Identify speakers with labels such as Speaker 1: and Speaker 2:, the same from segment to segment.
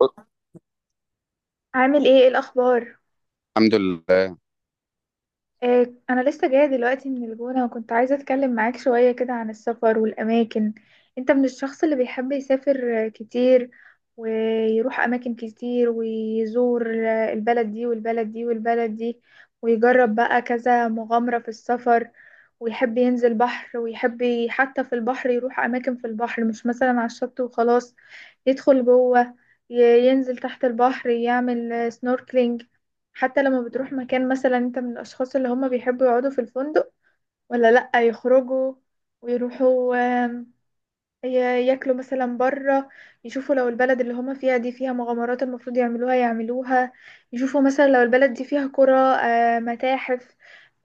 Speaker 1: بص،
Speaker 2: عامل ايه الاخبار؟
Speaker 1: الحمد لله.
Speaker 2: آه، انا لسه جايه دلوقتي من الجونه، وكنت عايزه اتكلم معاك شويه كده عن السفر والاماكن. انت من الشخص اللي بيحب يسافر كتير، ويروح اماكن كتير، ويزور البلد دي والبلد دي والبلد دي، ويجرب بقى كذا مغامره في السفر، ويحب ينزل بحر، ويحب حتى في البحر يروح اماكن في البحر، مش مثلا على الشط وخلاص. يدخل جوه، ينزل تحت البحر، يعمل سنوركلينج. حتى لما بتروح مكان، مثلا، انت من الاشخاص اللي هم بيحبوا يقعدوا في الفندق ولا لا؟ يخرجوا ويروحوا، آم، ي- ياكلوا مثلا بره، يشوفوا لو البلد اللي هم فيها دي فيها مغامرات المفروض يعملوها يعملوها، يشوفوا مثلا لو البلد دي فيها قرى، متاحف،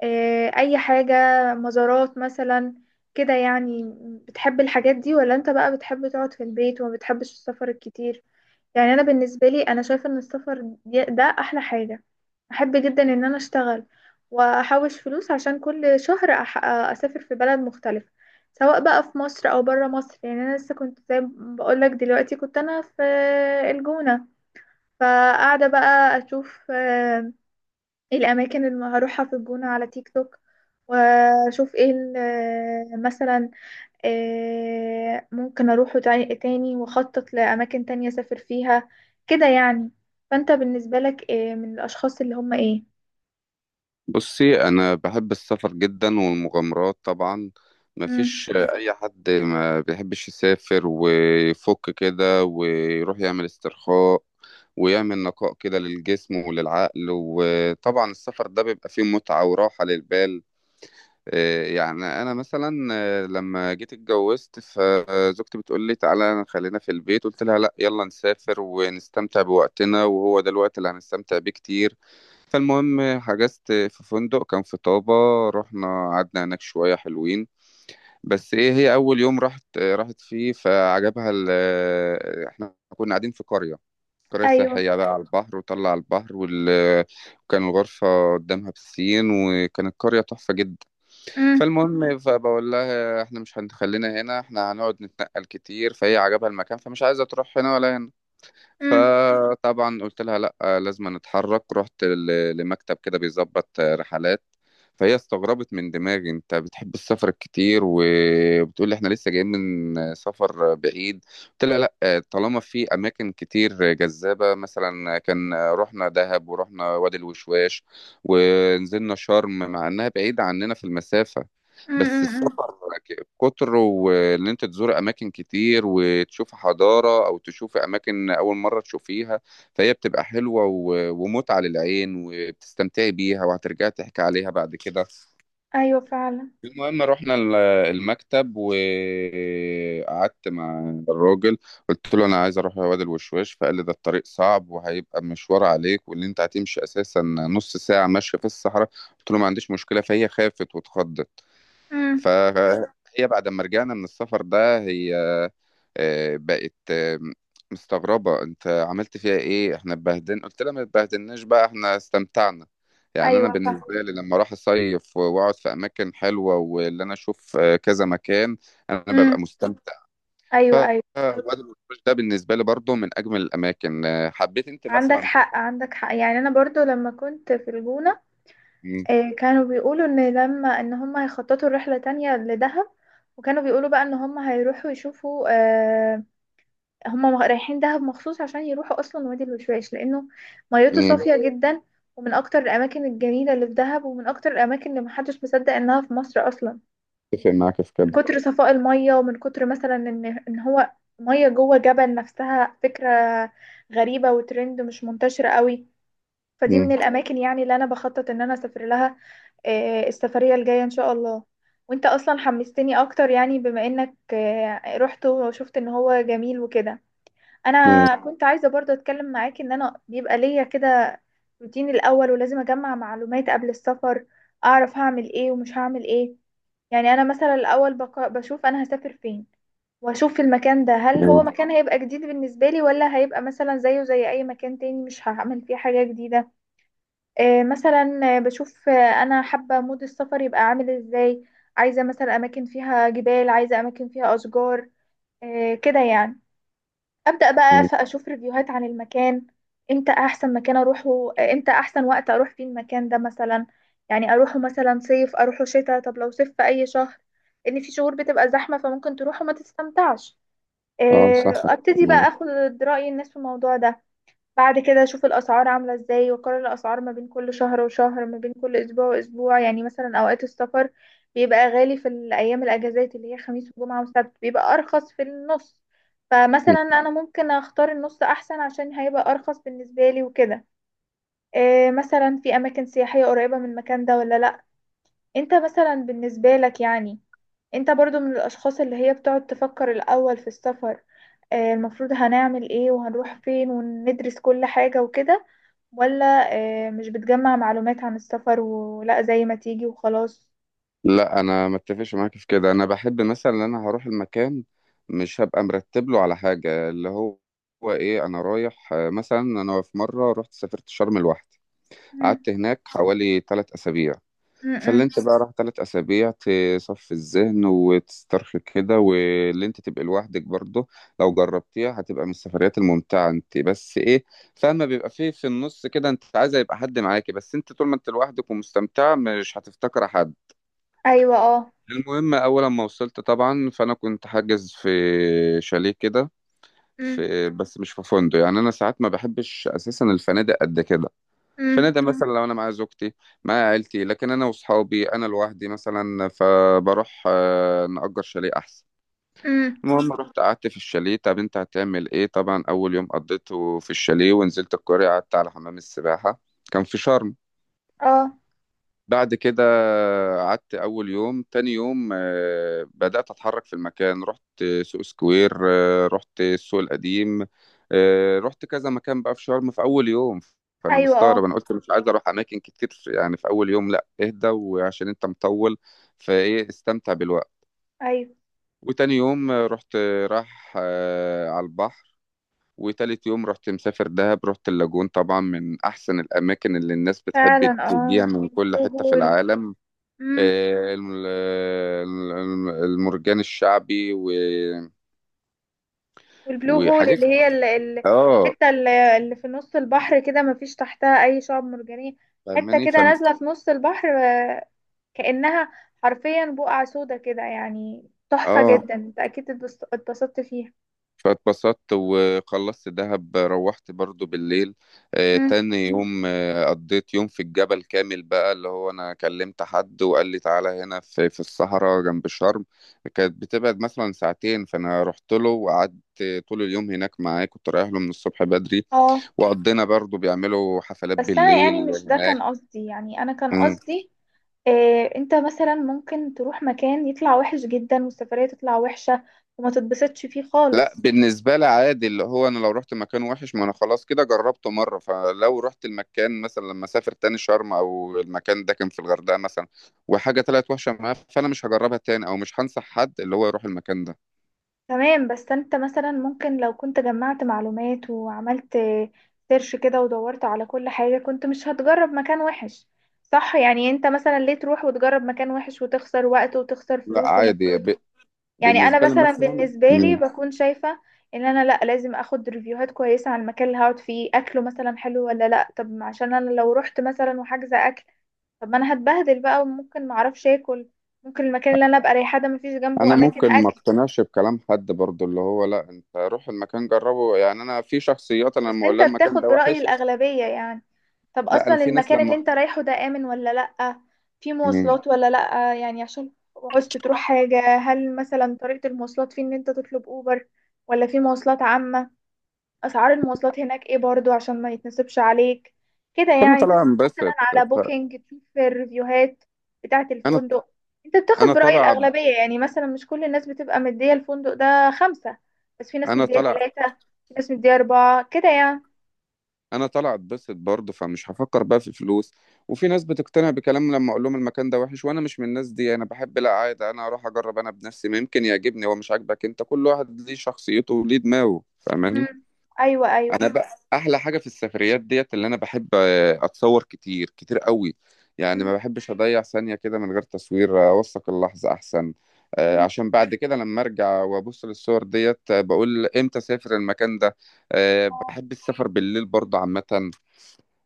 Speaker 2: اي حاجة، مزارات مثلا، كده يعني. بتحب الحاجات دي، ولا انت بقى بتحب تقعد في البيت وما بتحبش السفر الكتير؟ يعني انا بالنسبه لي، انا شايفه ان ده احلى حاجه. احب جدا ان انا اشتغل واحوش فلوس عشان كل شهر اسافر في بلد مختلفه، سواء بقى في مصر او بره مصر. يعني انا لسه كنت زي ما بقولك دلوقتي، كنت انا في الجونه، فقاعده بقى اشوف ايه الاماكن اللي هروحها في الجونه على تيك توك، واشوف ايه مثلا ممكن أروحه تاني تاني، وأخطط لأماكن تانية أسافر فيها، كده يعني. فأنت بالنسبة لك من الأشخاص اللي هم إيه؟
Speaker 1: بصي، انا بحب السفر جدا والمغامرات طبعا.
Speaker 2: مم.
Speaker 1: مفيش اي حد ما بيحبش يسافر ويفك كده ويروح يعمل استرخاء ويعمل نقاء كده للجسم وللعقل. وطبعا السفر ده بيبقى فيه متعة وراحة للبال. إيه يعني انا مثلا لما جيت اتجوزت، فزوجتي بتقول لي تعالى خلينا في البيت، قلت لها لا، يلا نسافر ونستمتع بوقتنا وهو ده الوقت اللي هنستمتع بيه كتير. فالمهم حجزت في فندق كان في طابة، رحنا قعدنا هناك شوية حلوين. بس ايه، هي اول يوم راحت راحت فيه فعجبها احنا كنا قاعدين في قرية، قرية
Speaker 2: أيوه.
Speaker 1: سياحية بقى على البحر وطلع على البحر وكان الغرفة قدامها بسين، وكانت قرية تحفة جدا.
Speaker 2: مم.
Speaker 1: فالمهم فبقول لها احنا مش هنخلينا هنا، احنا هنقعد نتنقل كتير. فهي عجبها المكان فمش عايزة تروح هنا ولا هنا.
Speaker 2: مم.
Speaker 1: فطبعا قلت لها لا، لازم نتحرك. رحت لمكتب كده بيظبط رحلات. فهي استغربت من دماغي: انت بتحب السفر كتير وبتقول لي احنا لسه جايين من سفر بعيد؟ قلت لها لا، طالما في اماكن كتير جذابه. مثلا كان رحنا دهب ورحنا وادي الوشواش ونزلنا شرم، مع انها بعيده عننا في المسافه.
Speaker 2: مم.
Speaker 1: بس
Speaker 2: مم. مم.
Speaker 1: السفر كتر وان انت تزور اماكن كتير وتشوف حضاره او تشوف اماكن اول مره تشوفيها، فهي بتبقى حلوه ومتعه للعين وبتستمتعي بيها وهترجعي تحكي عليها بعد كده.
Speaker 2: أيوه فعلا.
Speaker 1: المهم رحنا المكتب وقعدت مع الراجل. قلت له انا عايز اروح وادي الوشواش. فقال لي ده الطريق صعب وهيبقى مشوار عليك، واللي انت هتمشي اساسا نص ساعه ماشيه في الصحراء. قلت له ما عنديش مشكله. فهي خافت واتخضت.
Speaker 2: مم.
Speaker 1: فهي بعد ما رجعنا من السفر ده هي بقت مستغربة: انت عملت فيها ايه؟ احنا اتبهدلنا. قلت لها ما اتبهدلناش بقى، احنا استمتعنا. يعني انا
Speaker 2: أيوه
Speaker 1: بالنسبة
Speaker 2: فعلا.
Speaker 1: لي لما اروح اصيف واقعد في اماكن حلوة واللي انا اشوف كذا مكان، انا ببقى
Speaker 2: مم.
Speaker 1: مستمتع. ف
Speaker 2: أيوه أيوه.
Speaker 1: وادي الوشواش ده بالنسبة لي برضه من اجمل الاماكن. حبيت انت
Speaker 2: عندك
Speaker 1: مثلا.
Speaker 2: حق عندك حق. يعني أنا برضو لما كنت في الجونة
Speaker 1: مم.
Speaker 2: كانوا بيقولوا إن هم هيخططوا رحلة تانية لدهب، وكانوا بيقولوا بقى إن هم هيروحوا يشوفوا، هما رايحين دهب مخصوص عشان يروحوا اصلا وادي الوشواش، لانه ميته
Speaker 1: مم.
Speaker 2: صافيه جدا، ومن اكتر الاماكن الجميله اللي في دهب، ومن اكتر الاماكن اللي محدش مصدق انها في مصر اصلا،
Speaker 1: اتفق معاك في
Speaker 2: من
Speaker 1: كده.
Speaker 2: كتر صفاء الميه، ومن كتر مثلا ان هو ميه جوه جبل. نفسها فكره غريبه وترند مش منتشره قوي. فدي من
Speaker 1: مم.
Speaker 2: الاماكن يعني اللي انا بخطط ان انا اسافر لها السفريه الجايه ان شاء الله. وانت اصلا حمستني اكتر، يعني بما انك رحت وشفت ان هو جميل وكده.
Speaker 1: مم.
Speaker 2: انا كنت عايزه برضه اتكلم معاكي، ان انا بيبقى ليا كده روتيني الاول، ولازم اجمع معلومات قبل السفر، اعرف هعمل ايه ومش هعمل ايه. يعني انا مثلا الاول بشوف انا هسافر فين، واشوف المكان ده هل هو
Speaker 1: مم.
Speaker 2: مكان هيبقى جديد بالنسبه لي، ولا هيبقى مثلا زيه زي اي مكان تاني مش هعمل فيه حاجه جديده. مثلا بشوف انا حابه مود السفر يبقى عامل ازاي. عايزه مثلا اماكن فيها جبال، عايزه اماكن فيها اشجار، كده يعني. ابدا بقى
Speaker 1: مم.
Speaker 2: اشوف ريفيوهات عن المكان، امتى احسن مكان اروحه، امتى احسن وقت اروح فيه المكان ده مثلا. يعني اروحه مثلا صيف، اروحه شتاء، طب لو صيف في اي شهر؟ ان في شهور بتبقى زحمه، فممكن تروح وما تستمتعش.
Speaker 1: اه، صح، أتفق
Speaker 2: ابتدي بقى
Speaker 1: معاك.
Speaker 2: اخد راي الناس في الموضوع ده. بعد كده اشوف الاسعار عامله ازاي، واقارن الاسعار ما بين كل شهر وشهر، ما بين كل اسبوع واسبوع. يعني مثلا اوقات السفر بيبقى غالي في الايام الاجازات اللي هي خميس وجمعه وسبت، بيبقى ارخص في النص. فمثلا انا ممكن اختار النص احسن، عشان هيبقى ارخص بالنسبه لي وكده. إيه، مثلا في اماكن سياحيه قريبه من المكان ده ولا لا؟ انت مثلا بالنسبه لك يعني، انت برضو من الاشخاص اللي هي بتقعد تفكر الاول في السفر؟ المفروض هنعمل ايه وهنروح فين وندرس كل حاجة وكده؟ ولا مش بتجمع معلومات عن السفر، ولا زي ما تيجي وخلاص؟
Speaker 1: لا، انا ما اتفقش معاك في كده. انا بحب مثلا ان انا هروح المكان، مش هبقى مرتب له على حاجه اللي هو هو ايه انا رايح. مثلا انا في مره رحت سافرت شرم لوحدي.
Speaker 2: مم.
Speaker 1: قعدت هناك حوالي 3 اسابيع.
Speaker 2: مم.
Speaker 1: فاللي
Speaker 2: مم.
Speaker 1: انت بقى راح 3 اسابيع تصفي الذهن وتسترخي كده، واللي انت تبقى لوحدك برضه لو جربتيها هتبقى من السفريات الممتعه. انت بس ايه فاهمه، بيبقى فيه في النص كده انت عايزه يبقى حد معاكي، بس انت طول ما انت لوحدك ومستمتعه مش هتفتكر حد.
Speaker 2: ايوه اه.
Speaker 1: المهم اول ما وصلت طبعا فانا كنت حاجز في شاليه كده،
Speaker 2: مم.
Speaker 1: في، بس مش في فندق. يعني انا ساعات ما بحبش اساسا الفنادق قد كده.
Speaker 2: مم.
Speaker 1: الفنادق مثلا لو انا مع زوجتي، مع عيلتي. لكن انا واصحابي انا لوحدي مثلا فبروح نأجر شاليه احسن.
Speaker 2: مم.
Speaker 1: المهم رحت قعدت في الشاليه. طب انت هتعمل ايه؟ طبعا اول يوم قضيته في الشاليه ونزلت القرية قعدت على حمام السباحة، كان في شرم.
Speaker 2: اه.
Speaker 1: بعد كده قعدت أول يوم. تاني يوم بدأت أتحرك في المكان، رحت سوق سكوير، رحت السوق القديم، رحت كذا مكان بقى في شرم في أول يوم. فأنا
Speaker 2: ايوه
Speaker 1: مستغرب،
Speaker 2: اه.
Speaker 1: أنا قلت مش عايز أروح أماكن كتير يعني في أول يوم، لأ اهدى وعشان أنت مطول فإيه استمتع بالوقت.
Speaker 2: ايوه
Speaker 1: وتاني يوم رحت راح على البحر. وتالت يوم رحت مسافر دهب، رحت اللاجون، طبعا من أحسن الأماكن اللي الناس بتحب
Speaker 2: فعلا. اه.
Speaker 1: تجيها من كل
Speaker 2: البلو
Speaker 1: حتة في
Speaker 2: هول.
Speaker 1: العالم.
Speaker 2: مم.
Speaker 1: المرجان الشعبي
Speaker 2: والبلو هول
Speaker 1: وحاجات.
Speaker 2: اللي هي
Speaker 1: اه.
Speaker 2: الحته اللي اللي في نص البحر كده، ما فيش تحتها اي شعب مرجانيه. حته
Speaker 1: فاهماني.
Speaker 2: كده نازله في نص البحر، كأنها حرفيا بقعة سودا كده، يعني تحفة
Speaker 1: اه.
Speaker 2: جدا. انت اكيد اتبسطت فيها.
Speaker 1: فاتبسطت وخلصت دهب، روحت برضو بالليل.
Speaker 2: مم.
Speaker 1: تاني يوم قضيت يوم في الجبل كامل بقى، اللي هو انا كلمت حد وقال لي تعالى هنا في الصحراء جنب شرم. كانت بتبعد مثلا ساعتين، فانا رحت له وقعدت طول اليوم هناك معاه، كنت رايح له من الصبح بدري.
Speaker 2: اه.
Speaker 1: وقضينا، برضو بيعملوا حفلات
Speaker 2: بس انا يعني
Speaker 1: بالليل
Speaker 2: مش ده
Speaker 1: هناك.
Speaker 2: كان قصدي، يعني انا كان قصدي إيه. انت مثلا ممكن تروح مكان يطلع وحش جدا، والسفرية تطلع وحشة وما تتبسطش فيه
Speaker 1: لا
Speaker 2: خالص.
Speaker 1: بالنسبة لي عادي، اللي هو أنا لو رحت مكان وحش، ما أنا خلاص كده جربته مرة. فلو رحت المكان مثلا لما أسافر تاني شرم أو المكان ده كان في الغردقة مثلا وحاجة طلعت وحشة معاه، فأنا مش هجربها تاني أو مش هنصح حد اللي هو يروح المكان ده.
Speaker 2: تمام، بس انت مثلا ممكن لو كنت جمعت معلومات وعملت سيرش كده، ودورت على كل حاجة، كنت مش هتجرب مكان وحش. صح؟ يعني انت مثلا ليه تروح وتجرب مكان وحش، وتخسر وقت وتخسر
Speaker 1: لا
Speaker 2: فلوس
Speaker 1: عادي.
Speaker 2: ومجهود؟ يعني انا
Speaker 1: بالنسبة لي
Speaker 2: مثلا
Speaker 1: مثلا.
Speaker 2: بالنسبه لي
Speaker 1: مم.
Speaker 2: بكون شايفه ان انا لا، لازم اخد ريفيوهات كويسه على المكان اللي هقعد فيه، اكله مثلا حلو ولا لا. طب، ما عشان انا لو رحت مثلا وحاجزه اكل، طب ما انا هتبهدل بقى، وممكن ما اعرفش اكل. ممكن المكان اللي انا ابقى رايحه ده مفيش جنبه
Speaker 1: أنا
Speaker 2: اماكن
Speaker 1: ممكن ما
Speaker 2: اكل.
Speaker 1: اقتنعش بكلام حد برضو، اللي هو لا، أنت روح المكان جربه. يعني أنا في شخصيات أنا لما
Speaker 2: بس
Speaker 1: أقول
Speaker 2: انت
Speaker 1: لها المكان
Speaker 2: بتاخد
Speaker 1: ده
Speaker 2: برأي
Speaker 1: وحش.
Speaker 2: الاغلبيه يعني. طب
Speaker 1: لا،
Speaker 2: اصلا
Speaker 1: أنا في ناس
Speaker 2: المكان اللي
Speaker 1: لما.
Speaker 2: انت رايحه ده امن ولا لا؟ في
Speaker 1: مم.
Speaker 2: مواصلات ولا لا، يعني عشان عوزت تروح حاجه، هل مثلا طريقه المواصلات فيه ان انت تطلب اوبر، ولا في مواصلات عامه؟ اسعار المواصلات هناك ايه، برضو عشان ما يتنسبش عليك. كده
Speaker 1: أنا
Speaker 2: يعني
Speaker 1: طالع
Speaker 2: تدخل مثلا
Speaker 1: انبسط.
Speaker 2: على
Speaker 1: ف...
Speaker 2: بوكينج تشوف الريفيوهات بتاعة
Speaker 1: أنا
Speaker 2: الفندق. انت بتاخد
Speaker 1: أنا
Speaker 2: برأي
Speaker 1: طالع
Speaker 2: الأغلبية يعني؟ مثلا مش كل الناس بتبقى مدية الفندق ده 5، بس في ناس
Speaker 1: أنا
Speaker 2: مدية
Speaker 1: طالع
Speaker 2: 3، في ناس مدية 4، كده يعني.
Speaker 1: انا طالع اتبسط برضه فمش هفكر بقى في الفلوس. وفي ناس بتقتنع بكلام لما اقول لهم المكان ده وحش، وانا مش من الناس دي. انا بحب، لا عادي انا اروح اجرب انا بنفسي ممكن يعجبني. هو مش عاجبك انت؟ كل واحد ليه شخصيته وليه دماغه. فاهماني؟
Speaker 2: مم. أيوة أيوة.
Speaker 1: انا بقى احلى حاجه في السفريات ديت اللي انا بحب اتصور كتير كتير قوي. يعني
Speaker 2: مم.
Speaker 1: ما بحبش اضيع ثانيه كده من غير تصوير، اوثق اللحظه احسن.
Speaker 2: مم.
Speaker 1: عشان بعد كده لما ارجع وابص للصور ديت بقول امتى اسافر المكان ده.
Speaker 2: آه،
Speaker 1: بحب السفر بالليل برضه عامة.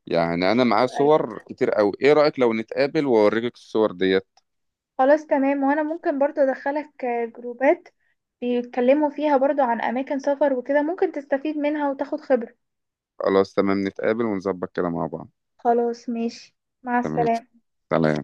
Speaker 1: يعني انا معايا
Speaker 2: أيوة.
Speaker 1: صور كتير قوي. ايه رأيك لو نتقابل واوريك الصور ديت؟
Speaker 2: خلاص تمام. وأنا ممكن برضو أدخلك جروبات بيتكلموا فيها برضو عن أماكن سفر وكده، ممكن تستفيد منها وتاخد خبرة.
Speaker 1: خلاص تمام، نتقابل ونظبط كده مع بعض.
Speaker 2: خلاص ماشي، مع
Speaker 1: تمام.
Speaker 2: السلامة.
Speaker 1: سلام.